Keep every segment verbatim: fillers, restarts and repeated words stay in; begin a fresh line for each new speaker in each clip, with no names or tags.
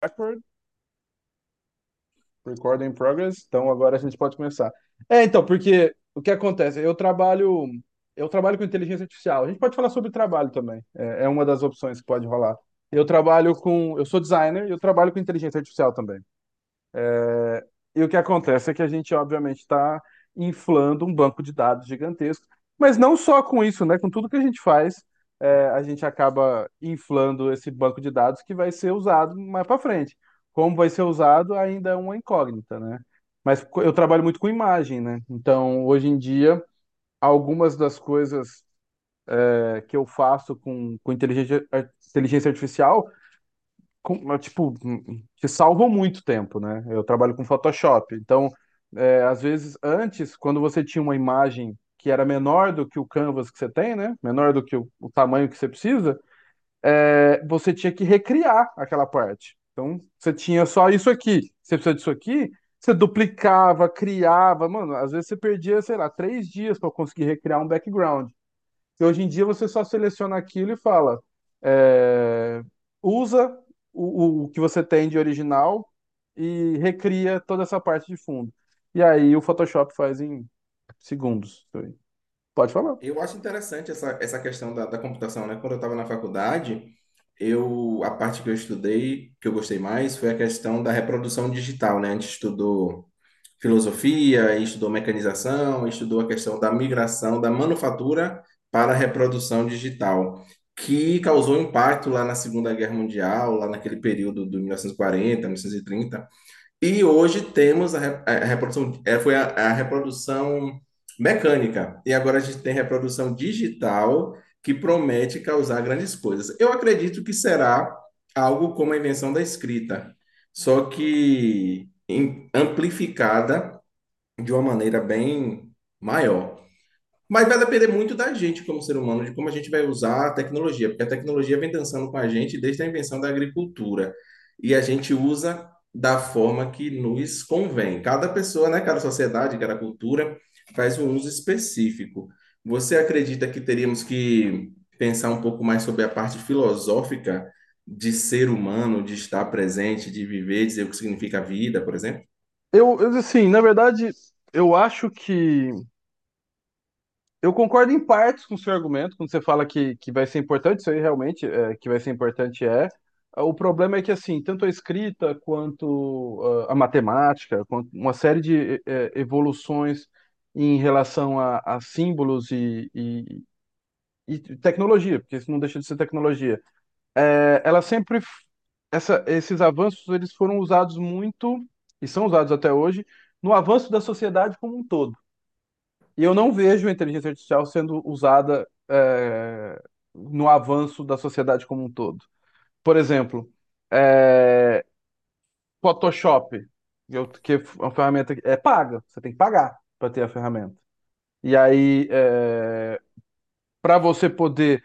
Backward, record in progress. Então agora a gente pode começar. É, então, porque o que acontece? Eu trabalho, eu trabalho com inteligência artificial. A gente pode falar sobre trabalho também. É, é uma das opções que pode rolar. Eu trabalho com, eu sou designer e eu trabalho com inteligência artificial também. É, e o que acontece é que a gente, obviamente, está inflando um banco de dados gigantesco, mas não só com isso, né? Com tudo que a gente faz, é, a gente acaba inflando esse banco de dados que vai ser usado mais para frente. Como vai ser usado ainda é uma incógnita, né? Mas co- eu trabalho muito com imagem, né? Então, hoje em dia, algumas das coisas é, que eu faço com, com inteligência, ar- inteligência artificial, com- tipo, te salvam muito tempo, né? Eu trabalho com Photoshop, então, é, às vezes, antes, quando você tinha uma imagem que era menor do que o canvas que você tem, né? Menor do que o, o tamanho que você precisa, é, você tinha que recriar aquela parte. Então, você tinha só isso aqui, você precisa disso aqui, você duplicava, criava, mano, às vezes você perdia, sei lá, três dias para conseguir recriar um background. Que hoje em dia você só seleciona aquilo e fala, é, usa o, o que você tem de original e recria toda essa parte de fundo. E aí o Photoshop faz em segundos. Pode falar.
Eu acho interessante essa, essa questão da, da computação, né? Quando eu estava na faculdade, eu a parte que eu estudei, que eu gostei mais, foi a questão da reprodução digital, né? A gente estudou filosofia, estudou mecanização, estudou a questão da migração da manufatura para a reprodução digital, que causou impacto lá na Segunda Guerra Mundial, lá naquele período do mil mil novecentos e quarenta, mil novecentos e trinta. E hoje temos a, re- a reprodução, é, foi a, a reprodução mecânica, e agora a gente tem reprodução digital que promete causar grandes coisas. Eu acredito que será algo como a invenção da escrita, só que em- amplificada de uma maneira bem maior. Mas vai depender muito da gente como ser humano, de como a gente vai usar a tecnologia, porque a tecnologia vem dançando com a gente desde a invenção da agricultura. E a gente usa da forma que nos convém. Cada pessoa, né, cada sociedade, cada cultura faz um uso específico. Você acredita que teríamos que pensar um pouco mais sobre a parte filosófica de ser humano, de estar presente, de viver, dizer o que significa a vida, por exemplo?
Eu, eu, assim, na verdade, eu acho que eu concordo em partes com o seu argumento, quando você fala que, que vai ser importante, isso aí realmente é, que vai ser importante é. O problema é que, assim, tanto a escrita quanto ah, a matemática, quanto uma série de eh, evoluções em relação a, a símbolos e, e, e tecnologia, porque isso não deixa de ser tecnologia, eh, ela sempre, f- essa, esses avanços, eles foram usados muito, e são usados até hoje, no avanço da sociedade como um todo. E eu não vejo a inteligência artificial sendo usada é, no avanço da sociedade como um todo. Por exemplo, é, Photoshop, eu- que é uma ferramenta que é paga, você tem que pagar para ter a ferramenta. E aí, para você poder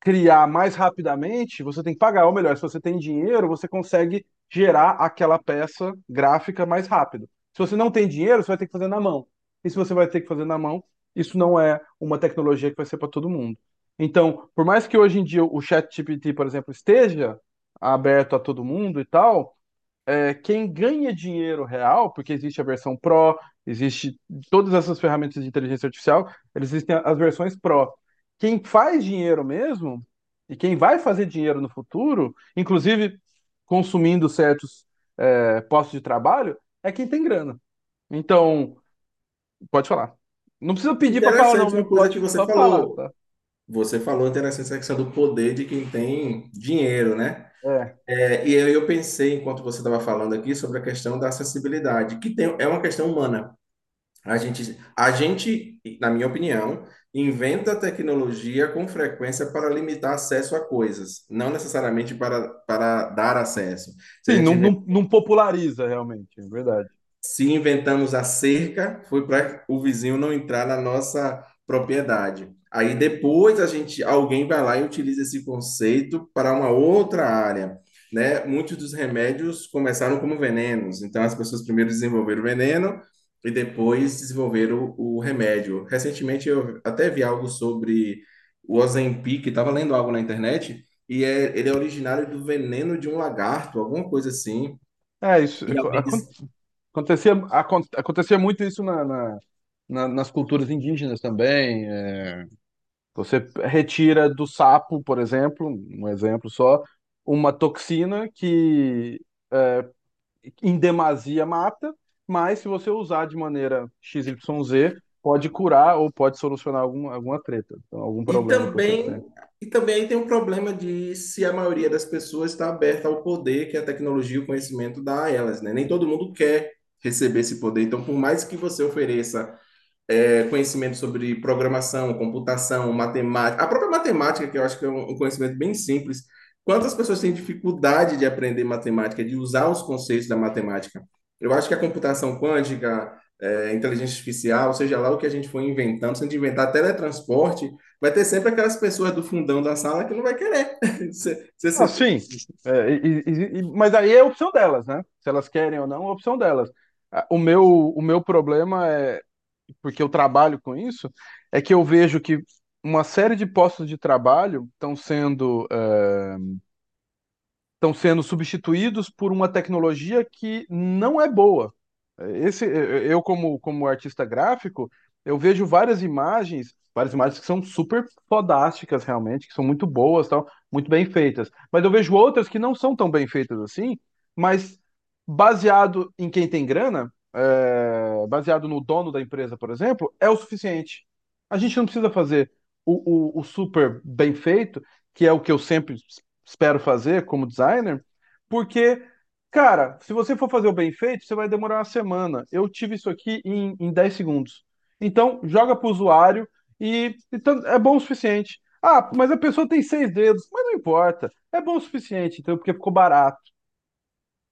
criar mais rapidamente, você tem que pagar. Ou melhor, se você tem dinheiro, você consegue gerar aquela peça gráfica mais rápido. Se você não tem dinheiro, você vai ter que fazer na mão. E se você vai ter que fazer na mão, isso não é uma tecnologia que vai ser para todo mundo. Então, por mais que hoje em dia o ChatGPT, por exemplo, esteja aberto a todo mundo e tal, é, quem ganha dinheiro real, porque existe a versão Pro, existe todas essas ferramentas de inteligência artificial, eles existem as versões Pro. Quem faz dinheiro mesmo, e quem vai fazer dinheiro no futuro, inclusive consumindo certos é, postos de trabalho, é quem tem grana. Então, pode falar. Não precisa pedir para falar, não,
Interessante
viu?
uma coisa que
Pode
você
só falar,
falou.
tá?
Você falou é interessante essa questão do poder de quem tem dinheiro, né?
É.
É, e aí eu pensei, enquanto você estava falando aqui, sobre a questão da acessibilidade, que tem, é uma questão humana. A gente, a gente, na minha opinião, inventa tecnologia com frequência para limitar acesso a coisas, não necessariamente para, para dar acesso. Se a
Sim,
gente
não, não, não populariza realmente, é verdade.
se inventamos a cerca, foi para o vizinho não entrar na nossa propriedade. Aí depois a gente, alguém vai lá e utiliza esse conceito para uma outra área, né? Muitos dos remédios começaram como venenos, então as pessoas primeiro desenvolveram o veneno e depois desenvolveram o, o remédio. Recentemente eu até vi algo sobre o Ozempic, estava lendo algo na internet e é, ele é originário do veneno de um lagarto, alguma coisa assim.
É, isso
E
aco-
alguém,
acon- acontecia, acon- acontecia muito isso na, na- na- nas culturas indígenas também. É. Você retira do sapo, por exemplo, um exemplo só, uma toxina que em demasia mata, mas se você usar de maneira x y z pode curar ou pode solucionar alguma, alguma treta, então, algum
E
problema que você tem.
também, e também aí tem um problema de se a maioria das pessoas está aberta ao poder que a tecnologia e o conhecimento dá a elas, né? Nem todo mundo quer receber esse poder. Então, por mais que você ofereça é, conhecimento sobre programação, computação, matemática. A própria matemática, que eu acho que é um um conhecimento bem simples. Quantas pessoas têm dificuldade de aprender matemática, de usar os conceitos da matemática? Eu acho que a computação quântica, é, inteligência artificial, seja lá o que a gente for inventando, se a gente inventar teletransporte, vai ter sempre aquelas pessoas do fundão da sala que não vai querer. Se, se,
Ah,
se,
sim. É, e- e- e- mas aí é opção delas, né? Se elas querem ou não, é opção delas. Ah, O meu, o meu problema é, porque eu trabalho com isso, é que eu vejo que uma série de postos de trabalho estão sendo é, estão sendo substituídos por uma tecnologia que não é boa. Esse, eu como, como artista gráfico, eu vejo várias imagens, várias imagens que são super fodásticas realmente, que são muito boas, tal, muito bem feitas. Mas eu vejo outras que não são tão bem feitas assim, mas baseado em quem tem grana, é, baseado no dono da empresa, por exemplo, é o suficiente. A gente não precisa fazer o, o, o super bem feito, que é o que eu sempre espero fazer como designer, porque, cara, se você for fazer o bem feito, você vai demorar uma semana. Eu tive isso aqui em, em 10 segundos. Então, joga para o usuário e, e tan- é bom o suficiente. Ah, mas a pessoa tem seis dedos, mas não importa. É bom o suficiente, então, porque ficou barato.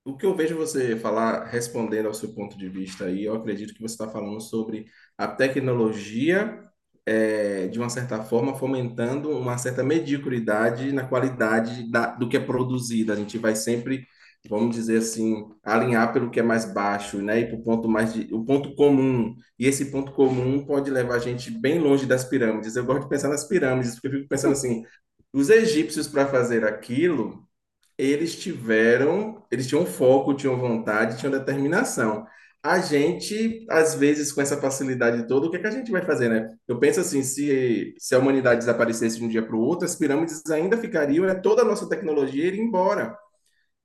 O que eu vejo você falar, respondendo ao seu ponto de vista aí, eu acredito que você está falando sobre a tecnologia, eh, de uma certa forma, fomentando uma certa mediocridade na qualidade da- do que é produzido. A gente vai sempre, vamos dizer assim, alinhar pelo que é mais baixo, né? E para o ponto mais de, o ponto comum. E esse ponto comum pode levar a gente bem longe das pirâmides. Eu gosto de pensar nas pirâmides, porque eu fico pensando assim, os egípcios para fazer aquilo eles tiveram, eles tinham foco, tinham vontade, tinham determinação. A gente, às vezes, com essa facilidade toda, o que é que a gente vai fazer, né? Eu penso assim, se, se a humanidade desaparecesse de um dia para o outro, as pirâmides ainda ficariam, né? Toda a nossa tecnologia iria embora.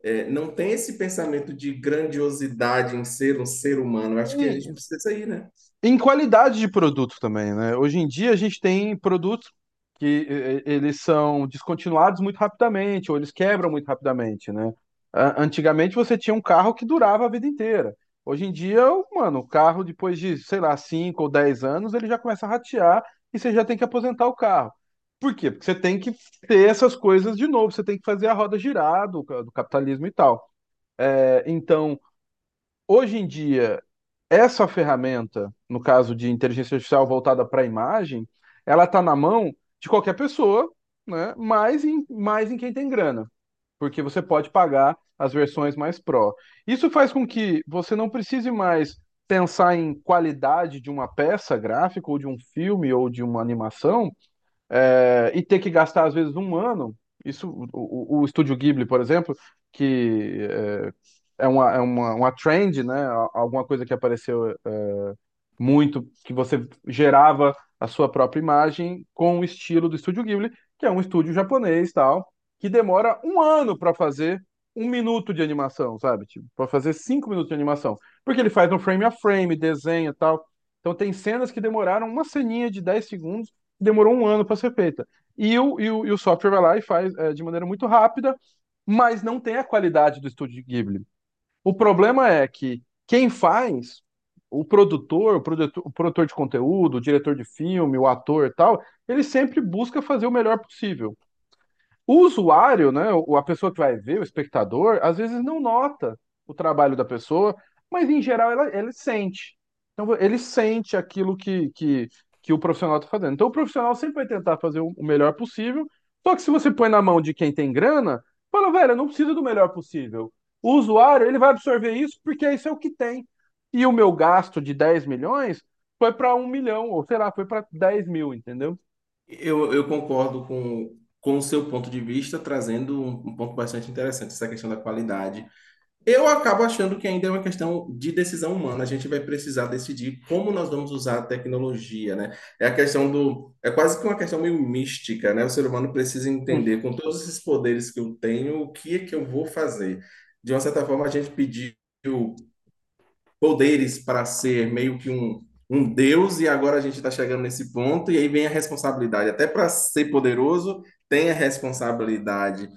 É, não tem esse pensamento de grandiosidade em ser um ser humano. Eu acho que a gente
E
precisa sair, né?
Em qualidade de produto também, né? Hoje em dia a gente tem produtos que eh, eh, eles são descontinuados muito rapidamente, ou eles quebram muito rapidamente, né? A- Antigamente você tinha um carro que durava a vida inteira. Hoje em dia, mano, o carro depois de, sei lá, cinco ou dez anos, ele já começa a ratear e você já tem que aposentar o carro. Por quê? Porque você tem que ter essas coisas de novo, você tem que fazer a roda girar do, ca- do capitalismo e tal. É, Então, hoje em dia, essa ferramenta, no caso de inteligência artificial voltada para a imagem, ela está na mão de qualquer pessoa, né? Mais em, mais em quem tem grana, porque você pode pagar as versões mais pró. Isso faz com que você não precise mais pensar em qualidade de uma peça gráfica ou de um filme ou de uma animação é, e ter que gastar às vezes um ano. Isso, o, o, o Estúdio Ghibli, por exemplo, que é, é uma, é uma, uma trend, né? Alguma coisa que apareceu muito, que você gerava a sua própria imagem com o estilo do Estúdio Ghibli, que é um estúdio japonês tal, que demora um ano para fazer um minuto de animação, sabe? Tipo, para fazer cinco minutos de animação. Porque ele faz um frame a frame, desenha e tal. Então tem cenas que demoraram uma ceninha de dez segundos, que demorou um ano para ser feita. E o, e, o, e o software vai lá e faz é, de maneira muito rápida, mas não tem a qualidade do estúdio Ghibli. O problema é que quem faz, o produtor, o produtor, o produtor de conteúdo, o diretor de filme, o ator e tal, ele sempre busca fazer o melhor possível. O usuário, né, o- a pessoa que vai ver, o espectador, às vezes não nota o trabalho da pessoa, mas em geral ela, ele sente. Então ele sente aquilo que, que, que o profissional está fazendo. Então o profissional sempre vai tentar fazer o o melhor possível, só que se você põe na mão de quem tem grana, fala, velho, eu não preciso do melhor possível. O usuário, ele vai absorver isso porque isso é o que tem. E o meu gasto de dez milhões foi para um milhão, ou sei lá, foi para dez mil, entendeu?
Eu, eu concordo com, com o seu ponto de vista, trazendo um, um ponto bastante interessante, essa questão da qualidade. Eu acabo achando que ainda é uma questão de decisão humana. A gente vai precisar decidir como nós vamos usar a tecnologia, né? É a questão do, é quase que uma questão meio mística, né? O ser humano precisa
Hum.
entender, com todos esses poderes que eu tenho, o que é que eu vou fazer. De uma certa forma, a gente pediu poderes para ser meio que um, um deus, e agora a gente está chegando nesse ponto, e aí vem a responsabilidade. Até para ser poderoso, tem a responsabilidade.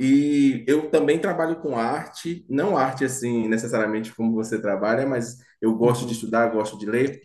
E eu também trabalho com arte, não arte assim necessariamente como você trabalha, mas eu gosto de
Uhum.
estudar, gosto de ler.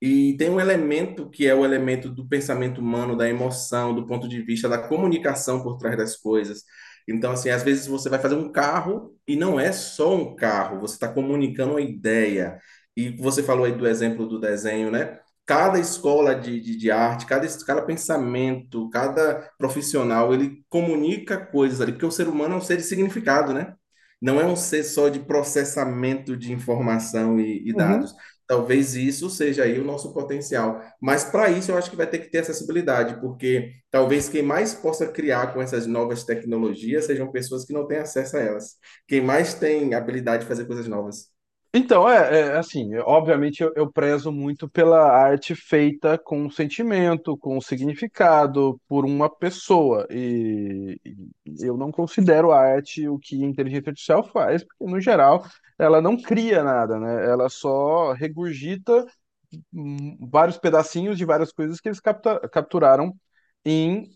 E tem um elemento que é o elemento do pensamento humano, da emoção, do ponto de vista da comunicação por trás das coisas. Então, assim, às vezes você vai fazer um carro e não é só um carro, você está comunicando uma ideia. E você falou aí do exemplo do desenho, né? Cada escola de, de, de arte, cada, cada pensamento, cada profissional, ele comunica coisas ali, porque o ser humano é um ser de significado, né? Não é um ser só de processamento de informação e, e
Uhum.
dados. Talvez isso seja aí o nosso potencial. Mas para isso eu acho que vai ter que ter acessibilidade, porque talvez quem mais possa criar com essas novas tecnologias sejam pessoas que não têm acesso a elas. Quem mais tem habilidade de fazer coisas novas.
Então, é, é, assim, eu- obviamente eu, eu prezo muito pela arte feita com sentimento, com significado, por uma pessoa. E, e eu não considero a arte o que a inteligência artificial faz, porque no geral ela não cria nada, né? Ela só regurgita hum, vários pedacinhos de várias coisas que eles capta- capturaram em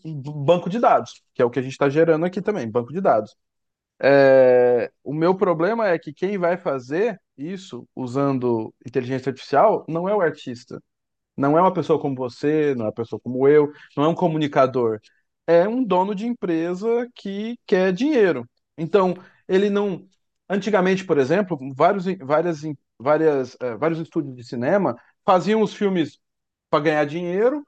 banco de dados, que é o que a gente está gerando aqui também, banco de dados. É, o meu problema é que quem vai fazer isso usando inteligência artificial não é o artista, não é uma pessoa como você, não é uma pessoa como eu, não é um comunicador, é um dono de empresa que quer dinheiro. Então, ele não. Antigamente, por exemplo, vários, várias, várias, eh, vários estúdios de cinema faziam os filmes para ganhar dinheiro,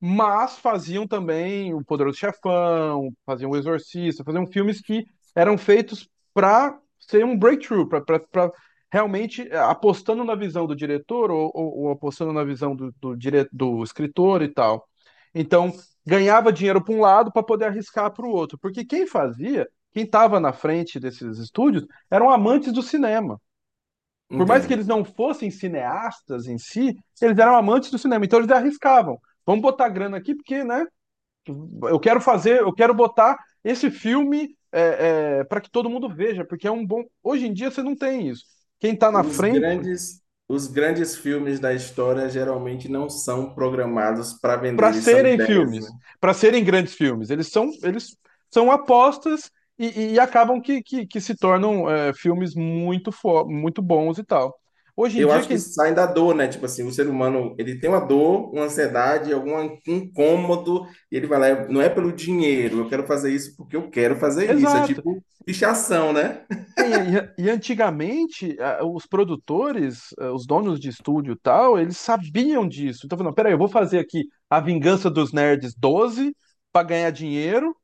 mas faziam também o Poderoso Chefão, faziam o Exorcista, faziam filmes que eram feitos para ser um breakthrough, para realmente eh, apostando na visão do diretor ou, ou- ou apostando na visão do, do, dire- do escritor e tal. Então, ganhava dinheiro para um lado para poder arriscar para o outro, porque quem fazia, quem estava na frente desses estúdios, eram amantes do cinema. Por mais que
Entendo.
eles não fossem cineastas em si, eles eram amantes do cinema, então eles arriscavam. Vamos botar grana aqui, porque, né? Eu quero fazer, eu quero botar esse filme é, é, para que todo mundo veja, porque é um bom. Hoje em dia você não tem isso. Quem está na
Os
frente
grandes, os grandes filmes da história geralmente não são programados para vender,
para
eles são
serem
ideias, né?
filmes, para serem grandes filmes, eles são, eles são apostas e, e acabam que, que, que, se tornam é, filmes muito, fo... muito bons e tal. Hoje em
Eu
dia,
acho que
quem.
saem da dor, né? Tipo assim, o ser humano, ele tem uma dor, uma ansiedade, algum incômodo, e ele vai lá, não é pelo dinheiro, eu quero fazer isso porque eu quero fazer isso. É
Exato.
tipo fichação, né?
É, E, e- e antigamente, ah, os produtores, ah, os donos de estúdio e tal, eles sabiam disso. Então, falando, peraí, eu vou fazer aqui A Vingança dos Nerds doze para ganhar dinheiro,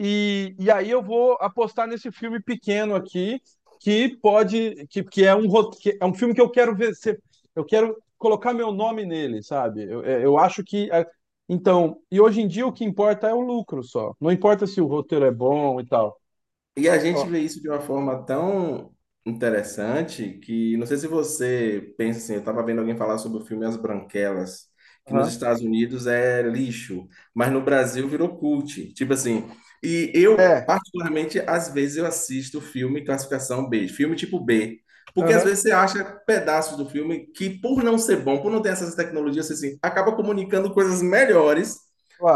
e, e aí eu vou apostar nesse filme pequeno aqui, que pode, que, que é um, ro- que é um filme que eu quero ver, ser- eu quero colocar meu nome nele, sabe? Eu, é, eu acho que. ah, Então, e hoje em dia o que importa é o lucro só. Não importa se o roteiro é bom e tal.
E a gente
Ó.
vê isso de uma forma tão interessante que não sei se você pensa assim, eu estava vendo alguém falar sobre o filme As Branquelas, que nos
Aham.
Estados Unidos é lixo, mas no Brasil virou cult. Tipo assim, e eu,
É.
particularmente, às vezes eu assisto filme classificação B, filme tipo B, porque às
Aham.
vezes você acha pedaços do filme que, por não ser bom, por não ter essas tecnologias, você assim, acaba comunicando coisas melhores.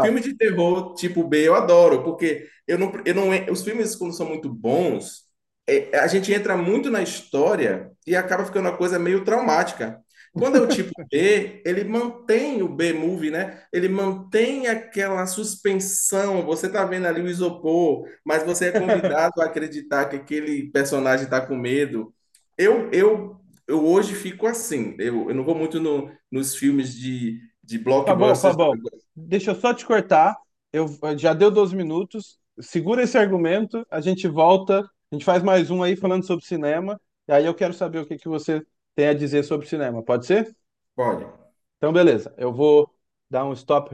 Filme de terror tipo B eu adoro, porque eu não, eu não, os filmes, quando são muito bons, é, é, a gente entra muito na história e acaba ficando uma coisa meio traumática. Quando é o tipo B, ele mantém o B-movie, né? Ele mantém aquela suspensão. Você tá vendo ali o isopor, mas você é convidado a acreditar que aquele personagem tá com medo. Eu, eu, eu hoje fico assim. Eu, eu não vou muito no, nos filmes de, de
Fabão,
blockbusters.
Fabão, deixa eu só te cortar. Eu eh, já deu doze minutos. Segura esse argumento, a gente volta, a gente faz mais um aí falando sobre cinema. E aí eu quero saber o que que você tem a dizer sobre cinema, pode ser?
Pode
Então, beleza. Eu vou dar um stop